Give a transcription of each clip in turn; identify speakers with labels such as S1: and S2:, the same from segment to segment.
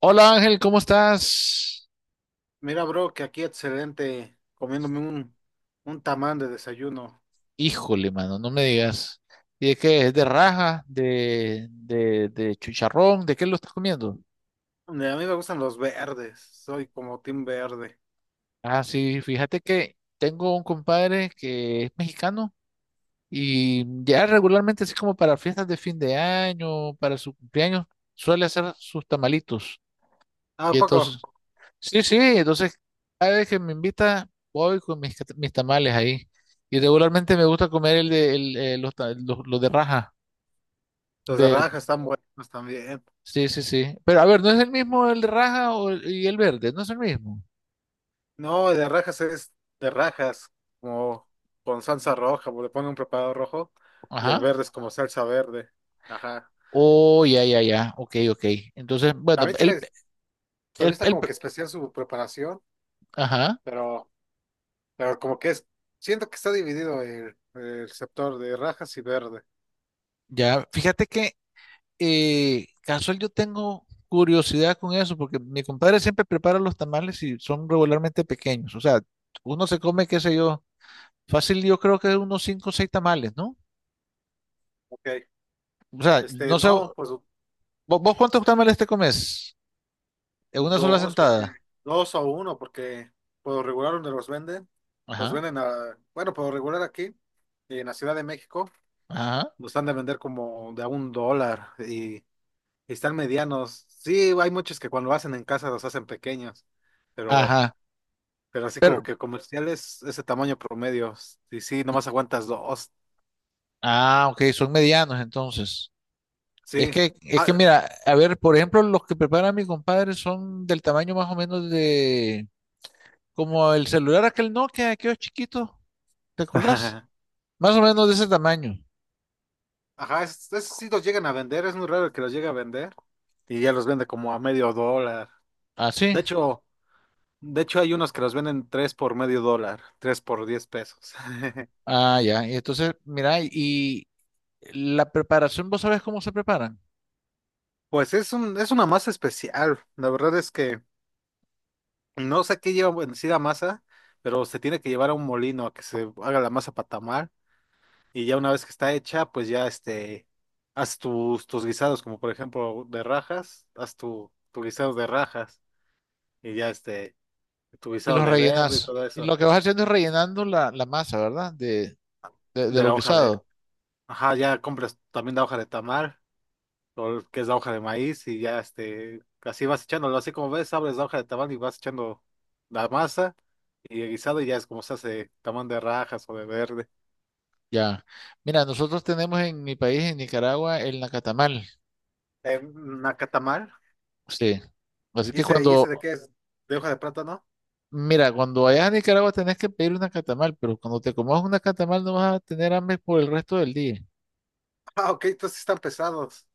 S1: Hola Ángel, ¿cómo estás?
S2: Mira, bro, que aquí excelente, comiéndome un tamal de desayuno.
S1: Híjole, mano, no me digas. ¿Y de qué? ¿Es de raja? ¿¿De chicharrón? ¿De qué lo estás comiendo?
S2: Hombre, a mí me gustan los verdes, soy como team verde.
S1: Ah, sí, fíjate que tengo un compadre que es mexicano y ya regularmente, así como para fiestas de fin de año, para su cumpleaños, suele hacer sus tamalitos.
S2: Ah, ¿a
S1: Y
S2: poco?
S1: entonces, sí, entonces cada vez que me invita, voy con mis, mis tamales ahí. Y regularmente me gusta comer el de el, los, los de raja.
S2: Los de rajas están buenos también.
S1: Sí, sí, sí. Pero a ver, ¿no es el mismo el raja o y el verde? ¿No es el mismo?
S2: No, de rajas es de rajas, como con salsa roja, porque le ponen un preparado rojo, y el
S1: Ajá.
S2: verde es como salsa verde. Ajá.
S1: Oh, ya, ya, ya. Ok, ok. Entonces, bueno,
S2: También tiene, también
S1: el,
S2: está
S1: el-
S2: como que especial su preparación,
S1: ajá.
S2: pero, pero como que es, siento que está dividido el sector de rajas y verde.
S1: Ya, fíjate que casual yo tengo curiosidad con eso, porque mi compadre siempre prepara los tamales y son regularmente pequeños. O sea, uno se come, qué sé yo, fácil, yo creo que unos cinco o seis tamales, ¿no?
S2: Ok.
S1: O sea,
S2: Este,
S1: no sé,
S2: no, pues.
S1: ¿vos, cuántos tamales te comes? En una sola
S2: Dos, porque
S1: sentada.
S2: dos o uno, porque por lo regular donde los
S1: Ajá,
S2: venden a, bueno, por lo regular aquí, en la Ciudad de México,
S1: ajá,
S2: los han de vender como de a $1 y están medianos. Sí, hay muchos que cuando hacen en casa los hacen pequeños, pero,
S1: ajá.
S2: pero así como
S1: Pero,
S2: que comerciales, ese tamaño promedio, y sí, nomás aguantas dos,
S1: ah, ok, son medianos entonces.
S2: sí.
S1: Es que
S2: Ah,
S1: mira, a ver, por ejemplo, los que prepara mi compadre son del tamaño más o menos de, como el celular aquel Nokia, aquellos chiquitos, ¿te acordás? Más o menos de ese tamaño.
S2: ajá, esos sí los llegan a vender, es muy raro el que los llegue a vender y ya los vende como a medio dólar.
S1: Ah,
S2: De
S1: sí.
S2: hecho, De hecho, hay unos que los venden tres por medio dólar, tres por 10 pesos.
S1: Ah, ya. Y entonces, mira, y la preparación, vos sabés cómo se preparan.
S2: Pues es una masa especial. La verdad es que no sé qué lleva en sí la masa, pero se tiene que llevar a un molino a que se haga la masa para tamar. Y ya una vez que está hecha, pues ya este, haz tus guisados, como por ejemplo de rajas, haz tu guisado de rajas y ya este, tu
S1: Y
S2: guisado
S1: los
S2: de verde y
S1: rellenás.
S2: todo
S1: Y
S2: eso,
S1: lo que vas haciendo es rellenando la, la masa, ¿verdad? De, de
S2: de
S1: lo
S2: la hoja de,
S1: guisado.
S2: ajá, ya compras también la hoja de tamar o el que es la hoja de maíz y ya este, así vas echándolo, así como ves, abres la hoja de tamal y vas echando la masa y el guisado y ya es como se hace tamal de rajas o de verde.
S1: Ya. Mira, nosotros tenemos en mi país, en Nicaragua, el nacatamal.
S2: Nacatamal,
S1: Sí. Así
S2: ¿y
S1: que
S2: ese, y ese
S1: cuando,
S2: de qué es? ¿De hoja de plátano?
S1: mira, cuando vayas a Nicaragua tenés que pedir una catamal, pero cuando te comas una catamal no vas a tener hambre por el resto del día.
S2: Ah, ok, entonces sí están pesados.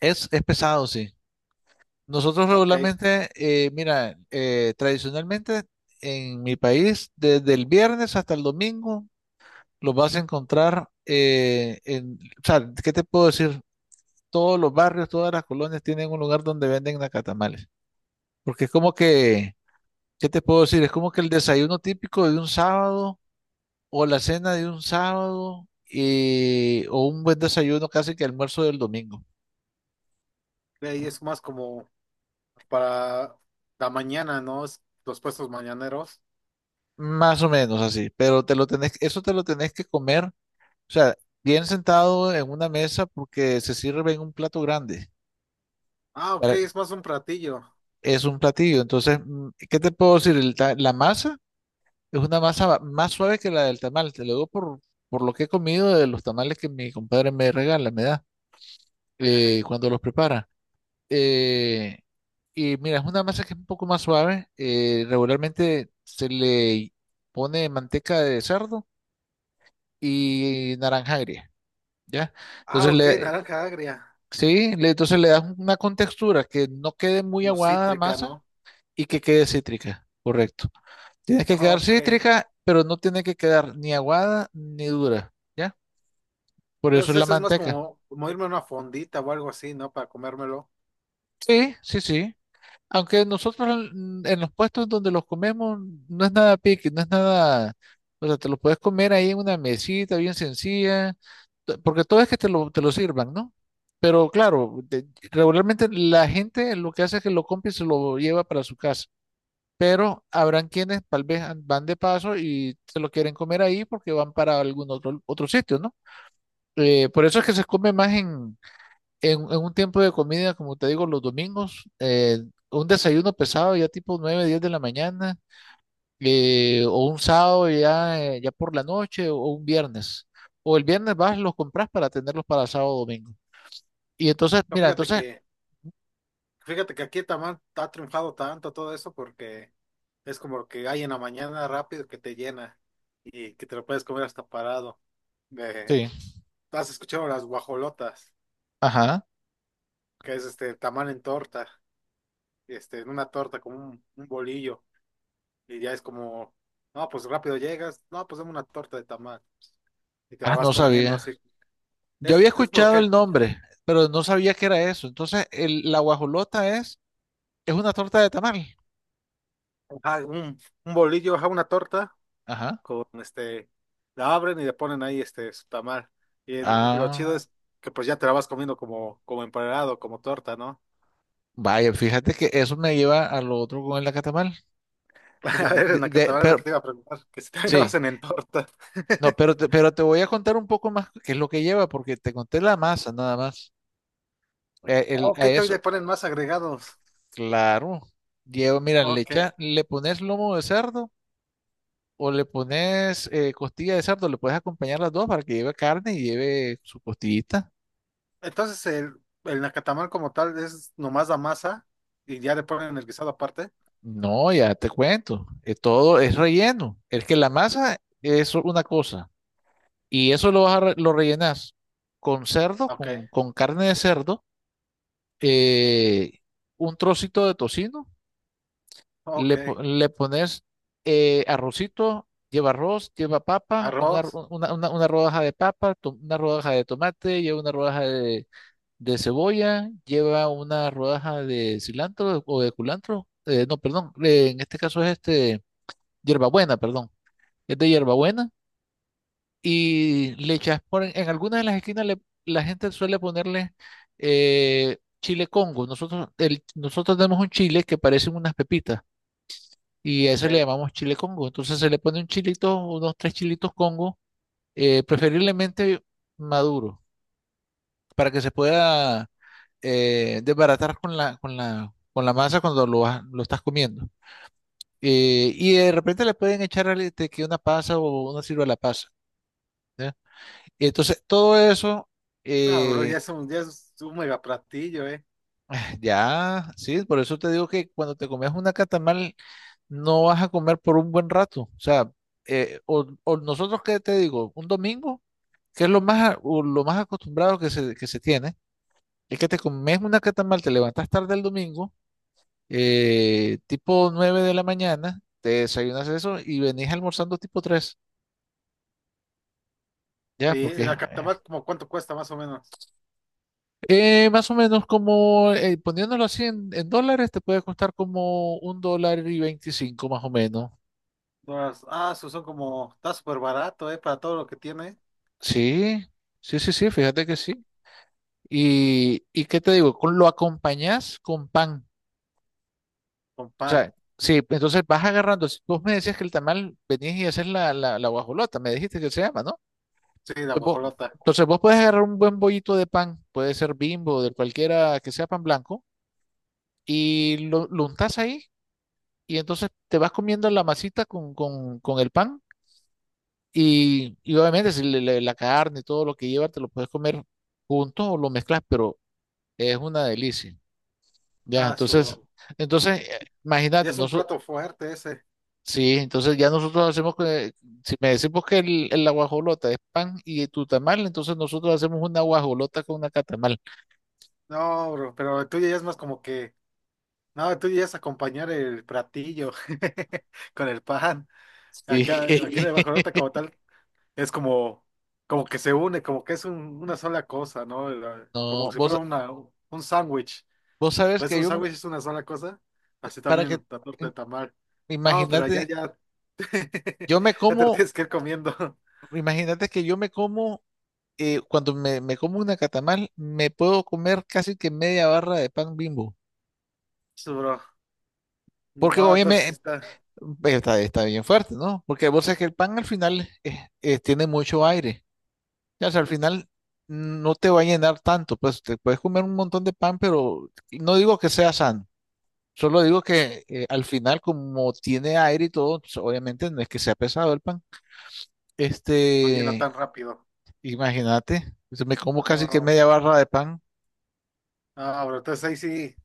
S1: Es pesado, sí. Nosotros
S2: Ok,
S1: regularmente, mira, tradicionalmente en mi país, desde el viernes hasta el domingo, los vas a encontrar en, o sea, ¿qué te puedo decir? Todos los barrios, todas las colonias tienen un lugar donde venden nacatamales. Porque es como que, ¿qué te puedo decir? Es como que el desayuno típico de un sábado o la cena de un sábado, o un buen desayuno casi que almuerzo del domingo.
S2: y es más como para la mañana, ¿no? Es los puestos mañaneros.
S1: Más o menos así, pero te lo tenés, eso te lo tenés que comer, o sea, bien sentado en una mesa porque se sirve en un plato grande.
S2: Ah, ok,
S1: para-
S2: es más un platillo.
S1: Es un platillo. Entonces, ¿qué te puedo decir? La masa es una masa más suave que la del tamal, te lo digo por lo que he comido de los tamales que mi compadre me regala, me da, cuando los prepara. Eh, y mira, es una masa que es un poco más suave. Regularmente se le pone manteca de cerdo y naranja agria, ¿ya?
S2: Ah,
S1: Entonces
S2: ok,
S1: le,
S2: naranja agria.
S1: sí, entonces le das una contextura que no quede muy
S2: Como
S1: aguada la
S2: cítrica,
S1: masa
S2: ¿no?
S1: y que quede cítrica, correcto. Tiene que
S2: Ah,
S1: quedar
S2: ok.
S1: cítrica, pero no tiene que quedar ni aguada ni dura, ¿ya? Por eso es
S2: Entonces
S1: la
S2: eso es más
S1: manteca.
S2: como, como irme a una fondita o algo así, ¿no? Para comérmelo.
S1: Sí, sí, sí. Aunque nosotros en los puestos donde los comemos no es nada pique, no es nada, o sea, te lo puedes comer ahí en una mesita bien sencilla, porque todo es que te lo sirvan, ¿no? Pero claro, regularmente la gente lo que hace es que lo compra y se lo lleva para su casa, pero habrán quienes tal vez van de paso y se lo quieren comer ahí porque van para algún otro, otro sitio, ¿no? Por eso es que se come más en un tiempo de comida, como te digo, los domingos, un desayuno pesado ya tipo 9-10 de la mañana, o un sábado ya, ya por la noche, o un viernes. O el viernes vas, los compras para tenerlos para sábado o domingo. Y entonces,
S2: Pero
S1: mira,
S2: fíjate
S1: entonces,
S2: que, fíjate que aquí Tamán ha triunfado tanto todo eso porque es como lo que hay en la mañana rápido que te llena y que te lo puedes comer hasta parado. De,
S1: sí,
S2: ¿has escuchado las guajolotas?
S1: ajá,
S2: Que es este tamal en torta, este, en una torta como un bolillo. Y ya es como, no, pues rápido llegas, no, pues dame una torta de tamal. Y te
S1: ah,
S2: la vas
S1: no
S2: comiendo
S1: sabía.
S2: así.
S1: Yo había
S2: Es por lo
S1: escuchado
S2: que hay,
S1: el nombre, pero no sabía que era eso. Entonces, el, la guajolota es una torta de tamal.
S2: ajá, un bolillo, ajá, una torta
S1: Ajá.
S2: con este, la abren y le ponen ahí este su tamal. Y lo
S1: Ah,
S2: chido es que pues ya te la vas comiendo como, como empanado, como torta, ¿no?
S1: vaya, fíjate que eso me lleva a lo otro con el acatamal. Porque
S2: A ver, en la catabana es lo que
S1: pero,
S2: te iba a preguntar, que si también lo
S1: sí,
S2: hacen en torta.
S1: no, pero te voy a contar un poco más qué es lo que lleva, porque te conté la masa nada más.
S2: Ok,
S1: A eso,
S2: todavía le ponen más agregados.
S1: claro, lleva, mira,
S2: Ok.
S1: le pones lomo de cerdo o le pones, costilla de cerdo, le puedes acompañar las dos para que lleve carne y lleve su costillita.
S2: Entonces el nacatamal como tal es nomás la masa y ya le ponen el guisado aparte.
S1: No, ya te cuento, todo es relleno. Es que la masa es una cosa y eso lo, lo rellenas con cerdo,
S2: Ok,
S1: con carne de cerdo, eh, un trocito de tocino.
S2: ok.
S1: Le, le pones, arrocito, lleva arroz, lleva papa, en una,
S2: Arroz,
S1: una, una rodaja de papa, una rodaja de tomate, lleva una rodaja de cebolla, lleva una rodaja de cilantro o de culantro. No, perdón, en este caso es este, hierbabuena, perdón, es de hierbabuena. Y le echas por en algunas de las esquinas, la gente suele ponerle, chile Congo. Nosotros, el, nosotros tenemos un chile que parecen unas pepitas y a
S2: ok.
S1: ese le llamamos chile Congo. Entonces se le pone un chilito, unos tres chilitos Congo, preferiblemente maduro, para que se pueda, desbaratar con la, con la, con la masa cuando lo, lo estás comiendo. Y de repente le pueden echar este, que una pasa o una sirva la pasa. ¿Ya? Y entonces todo eso,
S2: No, bro,
S1: eh,
S2: ya es un mega platillo.
S1: ya, sí, por eso te digo que cuando te comes una catamal no vas a comer por un buen rato. O sea, o nosotros, ¿qué te digo? Un domingo que es lo más, o lo más acostumbrado que se tiene, es que te comes una catamal, te levantas tarde el domingo, tipo 9 de la mañana, te desayunas eso y venís almorzando tipo 3 ya,
S2: Y
S1: porque
S2: el nacatamal como cuánto cuesta más o menos.
S1: más o menos como, poniéndolo así en dólares, te puede costar como $1.25 más o menos.
S2: Son como, está súper barato, para todo lo que tiene,
S1: Sí, sí, sí, sí, fíjate que sí. Y qué te digo, con, lo acompañás con pan.
S2: con
S1: O
S2: pan.
S1: sea, sí, entonces vas agarrando. Si vos me decías que el tamal venís y haces la, la, la guajolota, me dijiste que se llama, ¿no?
S2: Sí, la guajolota.
S1: Entonces vos puedes agarrar un buen bollito de pan, puede ser Bimbo, de cualquiera que sea pan blanco, y lo untás ahí, y entonces te vas comiendo la masita con el pan, y obviamente si la carne y todo lo que lleva te lo puedes comer junto o lo mezclas, pero es una delicia. Ya,
S2: Ah, su,
S1: entonces,
S2: bro.
S1: entonces,
S2: Ya
S1: imagínate,
S2: es un plato fuerte ese.
S1: sí, entonces ya nosotros hacemos, si me decimos que el, la guajolota es pan y tu tamal, entonces nosotros hacemos una guajolota con una catamal.
S2: No, bro, pero el tuyo ya es más como que, no, el tuyo ya es acompañar el platillo con el pan.
S1: Sí.
S2: Acá, aquí la guajolota como tal, es como, como que se une, como que es una sola cosa, ¿no? Como
S1: No,
S2: si
S1: vos,
S2: fuera un sándwich.
S1: vos sabes
S2: ¿Ves
S1: que
S2: un
S1: yo,
S2: sándwich es una sola cosa? Así
S1: para que,
S2: también la torta de
S1: im-
S2: tamal. No, pero ya,
S1: imagínate,
S2: ya.
S1: yo me
S2: Ya te lo
S1: como,
S2: tienes que ir comiendo.
S1: imagínate que yo me como, cuando me como una catamal, me puedo comer casi que media barra de pan Bimbo.
S2: Sí, bro.
S1: Porque
S2: No, entonces sí
S1: obviamente,
S2: está.
S1: está, está bien fuerte, ¿no? Porque vos sabés que el pan al final, tiene mucho aire. Ya, o sea, al final no te va a llenar tanto, pues te puedes comer un montón de pan, pero no digo que sea sano, solo digo que, al final como tiene aire y todo, pues, obviamente no es que sea pesado el pan.
S2: No llena
S1: Este,
S2: tan rápido.
S1: imagínate, yo me como casi que
S2: No,
S1: media barra de pan.
S2: no, bro. Entonces ahí sí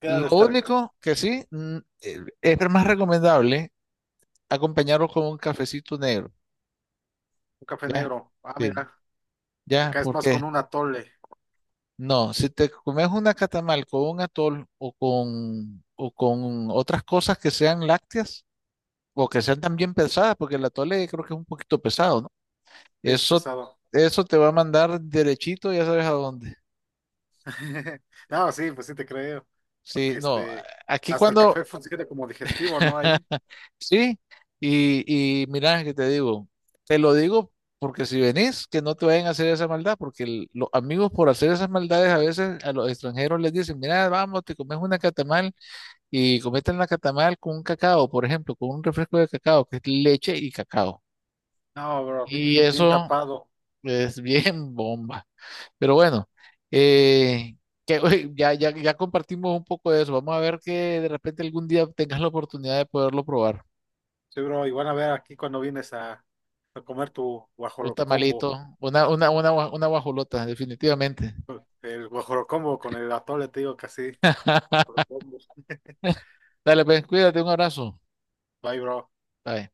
S2: queda de
S1: Lo
S2: estar
S1: único que sí, es más recomendable acompañarlo con un cafecito negro,
S2: un café
S1: ya,
S2: negro. Ah,
S1: sí,
S2: mira.
S1: ya,
S2: Acá es más
S1: porque
S2: con un atole.
S1: no, si te comes una catamal con un atol o con otras cosas que sean lácteas o que sean también pesadas, porque el atole creo que es un poquito pesado, ¿no?
S2: Sí, es
S1: Eso,
S2: pesado.
S1: eso te va a mandar derechito, ya sabes a dónde.
S2: No, sí, pues sí te creo.
S1: Sí,
S2: Porque
S1: no,
S2: este.
S1: aquí
S2: Hasta el café
S1: cuando,
S2: funciona como digestivo, ¿no? Ahí.
S1: sí, y mira que te digo, te lo digo porque si venís, que no te vayan a hacer esa maldad, porque los amigos por hacer esas maldades a veces a los extranjeros les dicen, mira, vamos, te comes una catamal. Y cometen la catamal con un cacao, por ejemplo, con un refresco de cacao, que es leche y cacao.
S2: No, bro.
S1: Y
S2: Bien, bien
S1: eso
S2: tapado.
S1: es bien bomba. Pero bueno, eh, que, oye, ya, ya, ya compartimos un poco de eso. Vamos a ver que de repente algún día tengas la oportunidad de poderlo probar.
S2: Sí, bro, y van a ver aquí cuando vienes a comer tu
S1: Un tamalito,
S2: guajolocombo.
S1: una, una guajolota, definitivamente.
S2: El guajolocombo con el atole, te digo que así. Guajolocombo.
S1: Dale, pues, cuídate, un abrazo.
S2: Bye, bro.
S1: Bye.